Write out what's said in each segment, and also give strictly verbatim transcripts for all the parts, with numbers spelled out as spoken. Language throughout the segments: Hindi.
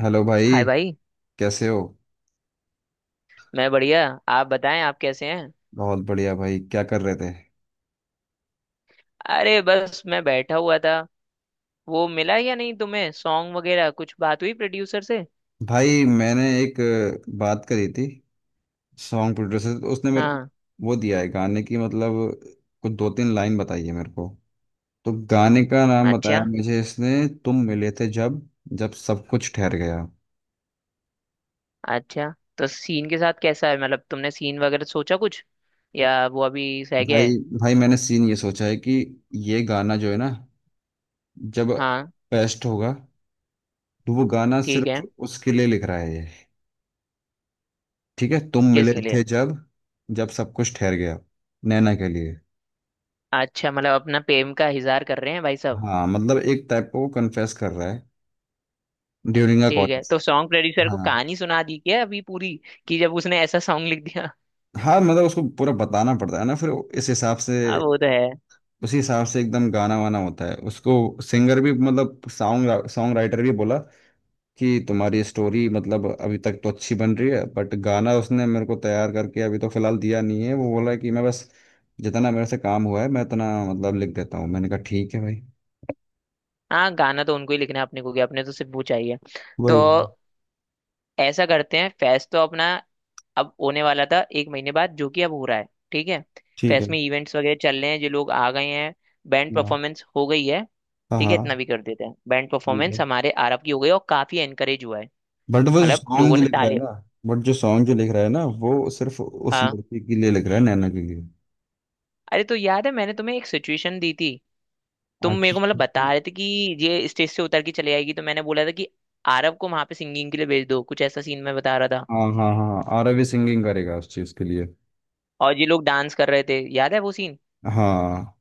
हेलो भाई। हाय भाई। कैसे हो? मैं बढ़िया। आप बताएं आप कैसे हैं। बहुत बढ़िया भाई, क्या कर रहे थे? अरे बस मैं बैठा हुआ था। वो मिला या नहीं तुम्हें सॉन्ग वगैरह कुछ बात हुई प्रोड्यूसर से। भाई मैंने एक अ, बात करी थी सॉन्ग प्रोड्यूसर से, तो उसने मेरे को हाँ। वो दिया है गाने की मतलब कुछ दो तीन लाइन बताई है मेरे को। तो गाने का नाम बताया अच्छा। मुझे इसने, तुम मिले थे जब, जब सब कुछ ठहर गया। अच्छा, तो सीन के साथ कैसा है मतलब तुमने सीन वगैरह सोचा कुछ या वो अभी सह गया है। भाई भाई, मैंने सीन ये सोचा है कि ये गाना जो है ना, जब हाँ। पेस्ट होगा तो वो गाना ठीक सिर्फ है। उसके लिए लिख रहा है ये। ठीक है, तुम मिले किसके थे लिए। जब जब सब कुछ ठहर गया, नैना के लिए। अच्छा मतलब अपना प्रेम का इजहार कर रहे हैं भाई साहब। हाँ मतलब एक टाइप का वो कन्फेस कर रहा है ड्यूरिंग अ ठीक है, कॉलेज। तो सॉन्ग प्रोड्यूसर को हाँ। कहानी सुना दी क्या अभी पूरी कि जब उसने ऐसा सॉन्ग लिख दिया। हाँ मतलब उसको पूरा बताना पड़ता है ना फिर, इस हिसाब से अब वो तो है। उसी हिसाब से एकदम गाना वाना होता है उसको। सिंगर भी मतलब सॉन्ग सॉन्ग राइटर भी बोला कि तुम्हारी स्टोरी मतलब अभी तक तो अच्छी बन रही है बट गाना उसने मेरे को तैयार करके अभी तो फिलहाल दिया नहीं है। वो बोला कि मैं बस जितना मेरे से काम हुआ है मैं इतना मतलब लिख देता हूँ। मैंने कहा ठीक है भाई। हाँ, गाना तो उनको ही लिखना है अपने को क्या, अपने तो सिर्फ वो चाहिए। तो वही वही। ऐसा करते हैं, फेस्ट तो अपना अब होने वाला था एक महीने बाद जो कि अब हो रहा है। ठीक है। ठीक है। फेस्ट में इवेंट्स वगैरह चल रहे हैं, जो लोग आ गए हैं, बैंड हाँ परफॉर्मेंस हो गई है। हाँ ठीक है, हाँ। इतना भी कर देते हैं, बैंड परफॉर्मेंस हमारे आरब की हो गई और काफी एनकरेज हुआ है, बट वो मतलब सॉन्ग लोगों जो ने लिख रहा है ताली। ना बट जो सॉन्ग जो लिख रहा है ना वो सिर्फ उस हाँ। लड़की के लिए लिख रहा है, नैना के लिए। अरे, तो याद है मैंने तुम्हें एक सिचुएशन दी थी, तुम मेरे आखिर। को मतलब बता रहे थे कि ये स्टेज से उतर के चले आएगी, तो मैंने बोला था कि आरब को वहां पे सिंगिंग के लिए भेज दो, कुछ ऐसा सीन मैं बता रहा था। हाँ हाँ हाँ, आर रवि सिंगिंग करेगा उस चीज के लिए। और ये लोग डांस कर रहे थे, याद है वो सीन। हाँ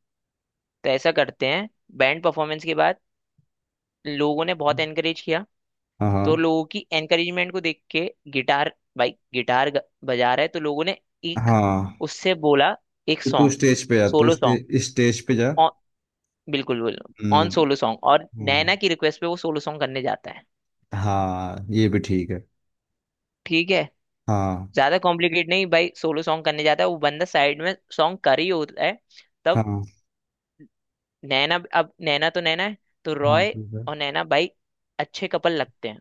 तो ऐसा करते हैं, बैंड परफॉर्मेंस के बाद लोगों ने बहुत एनकरेज किया, हाँ हाँ तो लोगों की एनकरेजमेंट को देख के गिटार, भाई गिटार ग- बजा रहा है तो लोगों ने एक हाँ। उससे बोला एक तो तू सॉन्ग, स्टेज पे जा, तू सोलो स्टे, सॉन्ग। स्टेज पे जा। ऑन, बिल्कुल बिल्कुल। ऑन हम्म। सोलो सॉन्ग, और हाँ नैना की रिक्वेस्ट पे वो सोलो सॉन्ग करने जाता है। हाँ ये भी ठीक है। ठीक है, हाँ ज्यादा कॉम्प्लिकेट नहीं भाई, सोलो सॉन्ग करने जाता है, वो बंदा साइड में सॉन्ग कर ही होता है तब हाँ नैना, अब नैना तो नैना है, तो हाँ। रॉय ठीक है। और नैना भाई अच्छे कपल लगते हैं,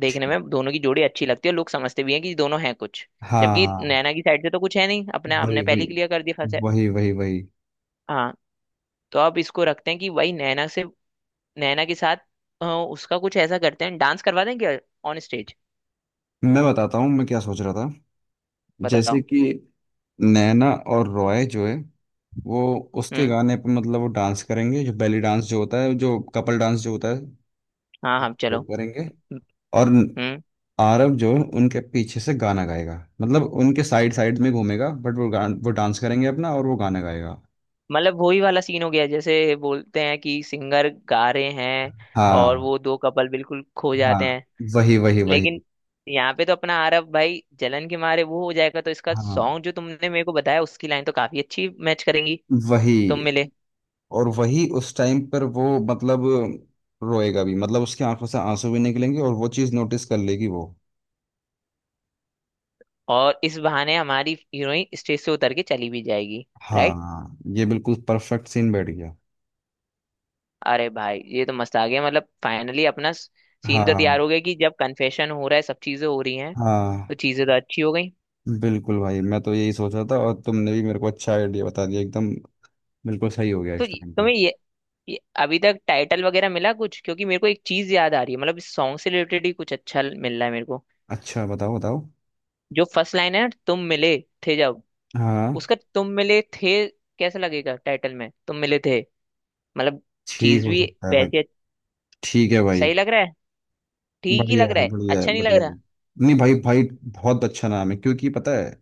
देखने ठीक। में दोनों की जोड़ी अच्छी लगती है, लोग समझते भी हैं कि दोनों हैं कुछ, जबकि हाँ। नैना की साइड से तो कुछ है नहीं, अपने वही हमने पहले वही ही क्लियर कर दिया फंसे। वही, वही वही। हाँ, तो अब इसको रखते हैं कि भाई नैना से, नैना के साथ अ, उसका कुछ ऐसा करते हैं, डांस करवा दें क्या, ऑन स्टेज। मैं बताता हूँ मैं क्या सोच रहा था। जैसे बताओ। कि नैना और रॉय जो है, वो उसके हम्म। गाने पे मतलब वो डांस करेंगे, जो बेली डांस जो होता है, जो कपल डांस जो होता है, हाँ हाँ वो चलो। करेंगे। और हम्म। आरव जो है उनके पीछे से गाना गाएगा, मतलब उनके साइड साइड में घूमेगा बट वो गान, वो डांस करेंगे अपना और वो गाना गाएगा। मतलब वही वाला सीन हो गया, जैसे बोलते हैं कि सिंगर गा रहे हैं और हाँ वो दो कपल बिल्कुल खो हाँ, जाते हैं। वही वही वही। लेकिन यहाँ पे तो अपना आरव भाई जलन के मारे वो हो जाएगा, तो इसका हाँ सॉन्ग जो तुमने मेरे को बताया उसकी लाइन तो काफी अच्छी मैच करेंगी। तुम वही। मिले। और वही उस टाइम पर वो मतलब रोएगा भी, मतलब उसकी आंखों से आंसू भी निकलेंगे और वो चीज़ नोटिस कर लेगी वो। और इस बहाने हमारी हीरोइन स्टेज से उतर के चली भी जाएगी। राइट। हाँ ये बिल्कुल परफेक्ट सीन बैठ गया। अरे भाई ये तो मस्त आ गया, मतलब फाइनली अपना सीन तो तैयार हाँ हो गया कि जब कन्फेशन हो रहा है, सब चीजें हो रही हैं। हाँ। तो चीजें तो अच्छी हो गई। बिल्कुल भाई, मैं तो यही सोचा था और तुमने भी मेरे को अच्छा आइडिया बता दिया एकदम। बिल्कुल सही हो गया तो इस ये- टाइम पे। तुम्हें ये, ये अभी तक टाइटल वगैरह मिला कुछ, क्योंकि मेरे को एक चीज याद आ रही है, मतलब इस सॉन्ग से रिलेटेड ही कुछ अच्छा मिल रहा है मेरे को। अच्छा बताओ बताओ। जो फर्स्ट लाइन है ना, तुम मिले थे जब, हाँ। उसका तुम मिले थे, कैसे लगेगा टाइटल में, तुम मिले थे, मतलब ठीक चीज हो भी, सकता है भाई। वैसे ठीक है भाई। सही लग रहा है, ठीक ही बढ़िया लग रहा है है, बढ़िया है अच्छा नहीं लग बढ़िया है। रहा। नहीं भाई भाई बहुत अच्छा नाम है, क्योंकि पता है,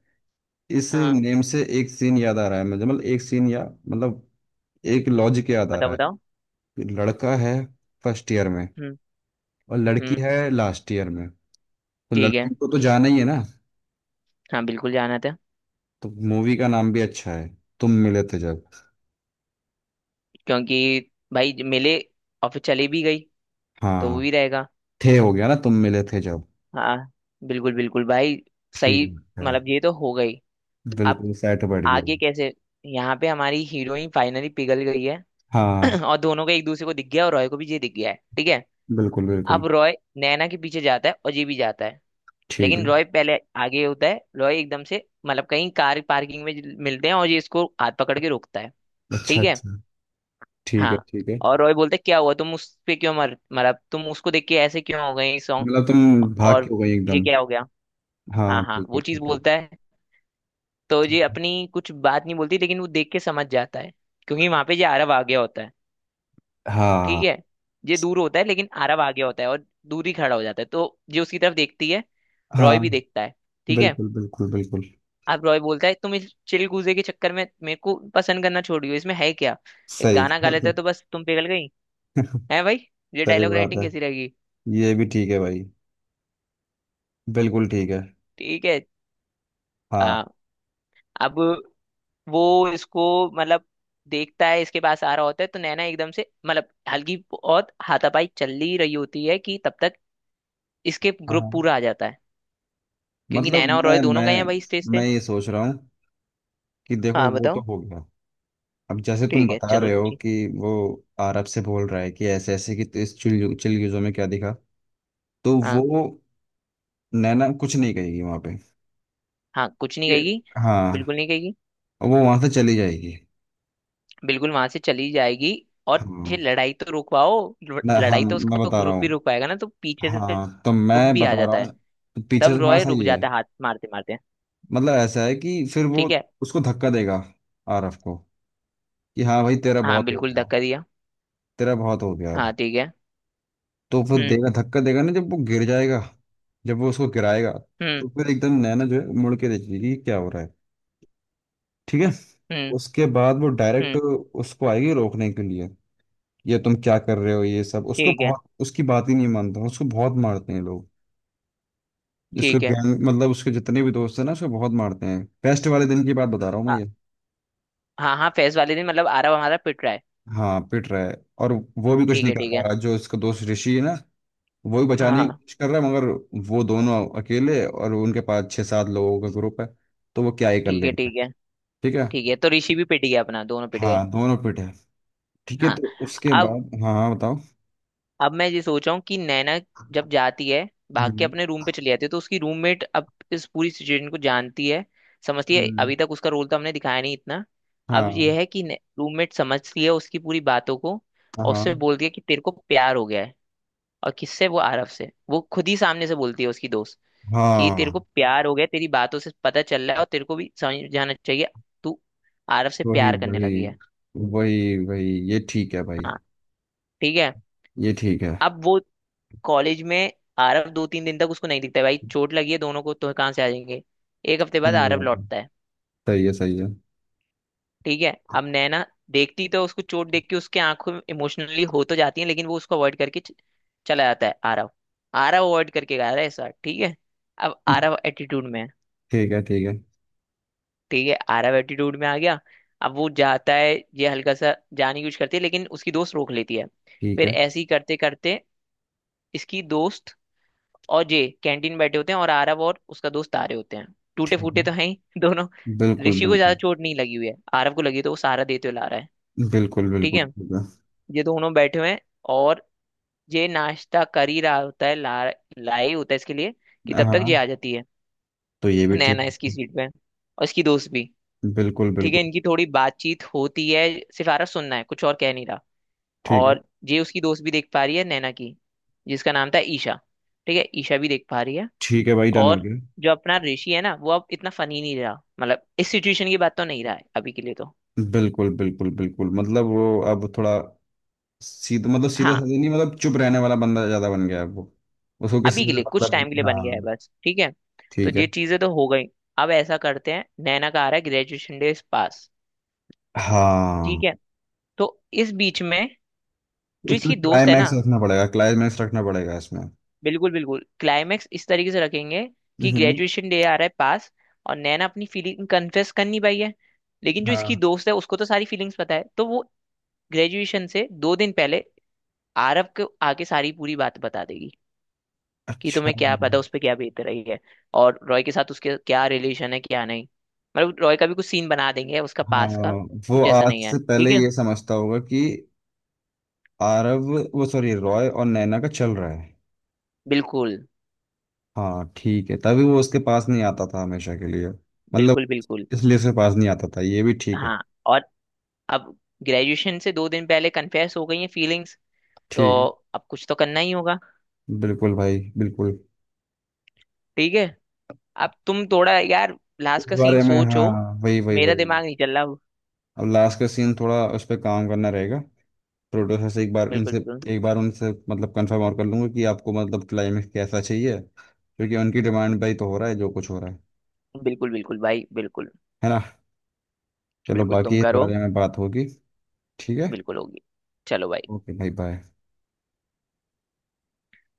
इस हाँ नेम से एक सीन याद आ रहा है मुझे, मतलब एक सीन, या मतलब एक लॉजिक याद आ बताओ रहा बताओ। है। लड़का है फर्स्ट ईयर में, हम्म। और लड़की हम्म। है लास्ट ईयर में, तो ठीक है। लड़की को तो जाना ही है ना। हाँ बिल्कुल जाना था। तो मूवी का नाम भी अच्छा है, तुम मिले थे जब। क्योंकि भाई ज- मिले और फिर चली भी गई, तो वो हाँ। भी रहेगा। थे हो गया ना, तुम मिले थे जब। हाँ। बिल्कुल बिल्कुल भाई। सही। ठीक है। मतलब ये तो हो गई। अब बिल्कुल सेट बैठ गया। आगे कैसे। यहाँ पे हमारी हीरोइन फाइनली पिघल गई है। हाँ। और दोनों का एक दूसरे को दिख गया, और रॉय को भी ये दिख गया है। ठीक है। बिल्कुल बिल्कुल। अब रॉय नैना के पीछे जाता है और ये भी जाता है, ठीक है। लेकिन रॉय पहले आगे होता है, रॉय एकदम से मतलब कहीं कार पार्किंग में मिलते हैं, और ये इसको हाथ पकड़ के रोकता है। अच्छा ठीक है। अच्छा। ठीक है हाँ। ठीक है। और रॉय बोलते क्या हुआ तुम उस पे क्यों मर मरा, तुम उसको देख के ऐसे क्यों हो गई सॉन्ग, मतलब तुम भाग के और हो गई ये एकदम। क्या हो गया। हाँ हाँ हाँ ठीक है वो चीज ठीक है। बोलता है, तो ठीक ये है। अपनी कुछ बात नहीं बोलती लेकिन वो देख के समझ जाता है, क्योंकि वहां पे ये आरव आ गया होता है। ठीक हाँ है। ये दूर होता है लेकिन आरव आ गया होता है और दूर ही खड़ा हो जाता है, तो ये उसकी तरफ देखती है, हाँ। रॉय भी देखता है। ठीक है। बिल्कुल बिल्कुल बिल्कुल। अब रॉय बोलता है तुम इस चिलगूजे के चक्कर में मेरे को पसंद करना छोड़ दियो, इसमें है क्या, एक सही गाना गा बात है। लेता तो बस तुम पिघल गई। है भाई, ये सही डायलॉग बात राइटिंग है, कैसी रहेगी। ये भी ठीक है भाई, बिल्कुल ठीक है। ठीक है। हाँ। आ, अब वो इसको मतलब देखता है, इसके पास आ रहा होता है, तो नैना एकदम से मतलब हल्की बहुत हाथापाई चल ही रही होती है कि तब तक इसके हाँ ग्रुप हाँ। पूरा आ जाता है, क्योंकि मतलब नैना और रॉय मैं दोनों गए मैं हैं भाई स्टेज मैं से। ये सोच रहा हूँ कि देखो हाँ वो तो बताओ। हो गया। अब जैसे तुम ठीक है बता चलो रहे हो जी। कि वो अरब से बोल रहा है कि ऐसे ऐसे, कि तो इस चिल चिलगुजों में क्या दिखा, तो हाँ। वो नैना कुछ नहीं कहेगी वहां पे हाँ कुछ नहीं ये। कहेगी। हाँ। बिल्कुल नहीं। वो वहां से चली जाएगी। बिल्कुल वहां से चली जाएगी। और ये हाँ। लड़ाई तो रुकवाओ। ल- मैं हाँ, लड़ाई तो मैं उसका बता रहा ग्रुप ही हूँ। रुक पाएगा ना, तो पीछे से हाँ तो ग्रुप मैं भी आ बता रहा जाता है, हूँ, तो पीछे तब से हाँ रॉय रुक सही है। जाता है हाथ मारते मारते। मतलब ऐसा है कि फिर वो ठीक है। उसको धक्का देगा, आरफ को, कि हाँ भाई तेरा हाँ बहुत हो बिल्कुल गया, धक्का दिया। तेरा बहुत हो गया हाँ अब। ठीक है। तो फिर हम्म। देगा, धक्का देगा ना, जब वो गिर जाएगा, जब वो उसको गिराएगा, हम्म। तो फिर एकदम नैना जो है मुड़ के देखेगी कि क्या हो रहा है। ठीक है। हम्म। उसके बाद वो डायरेक्ट हम्म। उसको आएगी रोकने के लिए। ये तुम क्या कर रहे हो ये सब, उसको ठीक है। बहुत, उसकी बात ही नहीं मानता, उसको बहुत मारते हैं लोग, जिसको ठीक है। गैंग मतलब उसके जितने भी दोस्त हैं ना उसको बहुत मारते हैं। फेस्ट वाले दिन की बात बता रहा हूँ मैं आ- ये। हाँ हाँ फेस्ट वाले दिन मतलब आरव हमारा पिट रहा है। हाँ पिट रहा है। और वो भी कुछ ठीक नहीं है कर ठीक पा है। रहा, जो उसका दोस्त ऋषि है ना, वो भी बचाने की हाँ। कोशिश कर रहा है, मगर वो दोनों अकेले और उनके पास छः सात लोगों का ग्रुप है, तो वो क्या ही कर ठीक है लेंगे। ठीक है। ठीक है। ठीक है, तो ऋषि भी पिट गया अपना, दोनों पिट गए। हाँ दोनों पिट है। ठीक है, हाँ। तो उसके अब बाद हाँ हाँ बताओ। अब मैं ये सोच रहा हूँ कि नैना जब जाती है, भाग के हम्म, अपने रूम पे चली जाती है, तो उसकी रूममेट अब इस पूरी सिचुएशन को जानती है, समझती है, हम्म, अभी तक उसका रोल तो हमने दिखाया नहीं इतना। अब ये हाँ है कि रूममेट समझती है उसकी पूरी बातों को, और हाँ उससे बोलती है कि तेरे को प्यार हो गया है, और किससे, वो आरव से, वो खुद ही सामने से बोलती है उसकी दोस्त, कि तेरे को हाँ। प्यार हो गया है, तेरी बातों से पता चल रहा है और तेरे को भी समझ जाना चाहिए, तू आरव से वही प्यार करने वही लगी है। वही वही, ये ठीक है भाई। हाँ ठीक है। ये ठीक है। अब वो कॉलेज में, आरव दो तीन दिन तक उसको नहीं दिखता है, भाई चोट लगी है दोनों को तो कहाँ से आ जाएंगे, एक हफ्ते बाद सही आरव बात है। लौटता है। सही है सही है। ठीक है, अब नैना देखती तो उसको चोट देख के उसके आंखों में इमोशनली हो तो जाती है, लेकिन वो उसको अवॉइड करके च- चला जाता है आरव, आरव अवॉइड करके गया रहा है सर। ठीक है। अब आरव एटीट्यूड में है। ठीक है ठीक है। ठीक है, आरव एटीट्यूड में आ गया। अब वो जाता है, ये हल्का सा जाने की कोशिश करती है लेकिन उसकी दोस्त रोक लेती है, ठीक फिर है ऐसे ही करते करते इसकी दोस्त और जे कैंटीन बैठे होते हैं, और आरव और उसका दोस्त आ रहे होते हैं, टूटे ठीक फूटे है। तो हैं ही दोनों। बिल्कुल ऋषि को ज्यादा बिल्कुल। चोट नहीं लगी हुई है, आरव को लगी है तो वो सहारा देते हुए ला रहा है। बिल्कुल ठीक है। बिल्कुल ठीक है। ये दोनों बैठे हुए हैं, और ये नाश्ता कर ही रहा होता है, ला लाए ही होता है इसके लिए कि तब तक ये हाँ आ जाती है, तो ये भी ठीक नैना इसकी है। सीट पे और इसकी दोस्त भी। बिल्कुल ठीक है, बिल्कुल। इनकी थोड़ी बातचीत होती है, सिर्फ आरव सुनना है, कुछ और कह नहीं रहा, ठीक है। और ये उसकी दोस्त भी देख पा रही है नैना की, जिसका नाम था ईशा। ठीक है, ईशा भी देख पा रही है, ठीक है भाई डन हो और गया। जो अपना ऋषि है ना वो अब इतना फनी नहीं रहा, मतलब इस सिचुएशन की बात तो नहीं रहा है अभी के लिए तो। बिल्कुल बिल्कुल बिल्कुल, मतलब वो अब थोड़ा सीधा, मतलब सीधा हाँ साधा नहीं, मतलब चुप रहने वाला बंदा ज्यादा बन गया है वो। उसको किसी अभी के से लिए कुछ मतलब टाइम के लिए बन गया है हाँ। बस। ठीक है, तो ठीक ये है। चीजें तो हो गई, अब ऐसा करते हैं, नैना का आ रहा है ग्रेजुएशन डे पास। ठीक हाँ है, तो इस बीच में जो उसमें इसकी दोस्त है ना, क्लाइमैक्स रखना पड़ेगा, क्लाइमैक्स रखना पड़ेगा इसमें। बिल्कुल बिल्कुल क्लाइमेक्स इस तरीके से रखेंगे कि हम्म। ग्रेजुएशन डे आ रहा है पास, और नैना अपनी फीलिंग कन्फेस कर नहीं पाई है, लेकिन जो इसकी हाँ। दोस्त है उसको तो सारी फीलिंग्स पता है, तो वो ग्रेजुएशन से दो दिन पहले आरव को आके सारी पूरी बात बता देगी, कि अच्छा। तुम्हें क्या पता उस पर क्या बीत रही है, और रॉय के साथ उसके क्या रिलेशन है क्या नहीं, मतलब रॉय का भी कुछ सीन बना देंगे उसका हाँ पास का, वो कुछ ऐसा आज नहीं है। से पहले ठीक है। ये समझता होगा कि आरव, वो सॉरी, रॉय और नैना का चल रहा है। बिल्कुल हाँ ठीक है, तभी वो उसके पास नहीं आता था हमेशा के लिए, मतलब बिल्कुल बिल्कुल। इसलिए से पास नहीं आता था, ये भी ठीक है। हाँ और अब ग्रेजुएशन से दो दिन पहले कन्फेस हो गई है फीलिंग्स, तो ठीक अब कुछ तो करना ही होगा। है। बिल्कुल भाई बिल्कुल। ठीक है, अब तुम थोड़ा यार लास्ट इस का सीन बारे में हाँ, सोचो, वही वही मेरा वही। दिमाग नहीं चल रहा। अब लास्ट का सीन थोड़ा उस पर काम करना रहेगा, प्रोड्यूसर से एक बार बिल्कुल उनसे, बिल्कुल। एक बार उनसे मतलब कंफर्म और कर लूंगा कि आपको मतलब क्लाइमेक्स कैसा चाहिए, क्योंकि उनकी डिमांड भाई, तो हो रहा है जो कुछ हो रहा है। बिल्कुल बिल्कुल भाई बिल्कुल। है ना। चलो बिल्कुल बाकी तुम इस करो। बारे में बात होगी। ठीक है। बिल्कुल होगी। चलो भाई। ओके भाई बाय।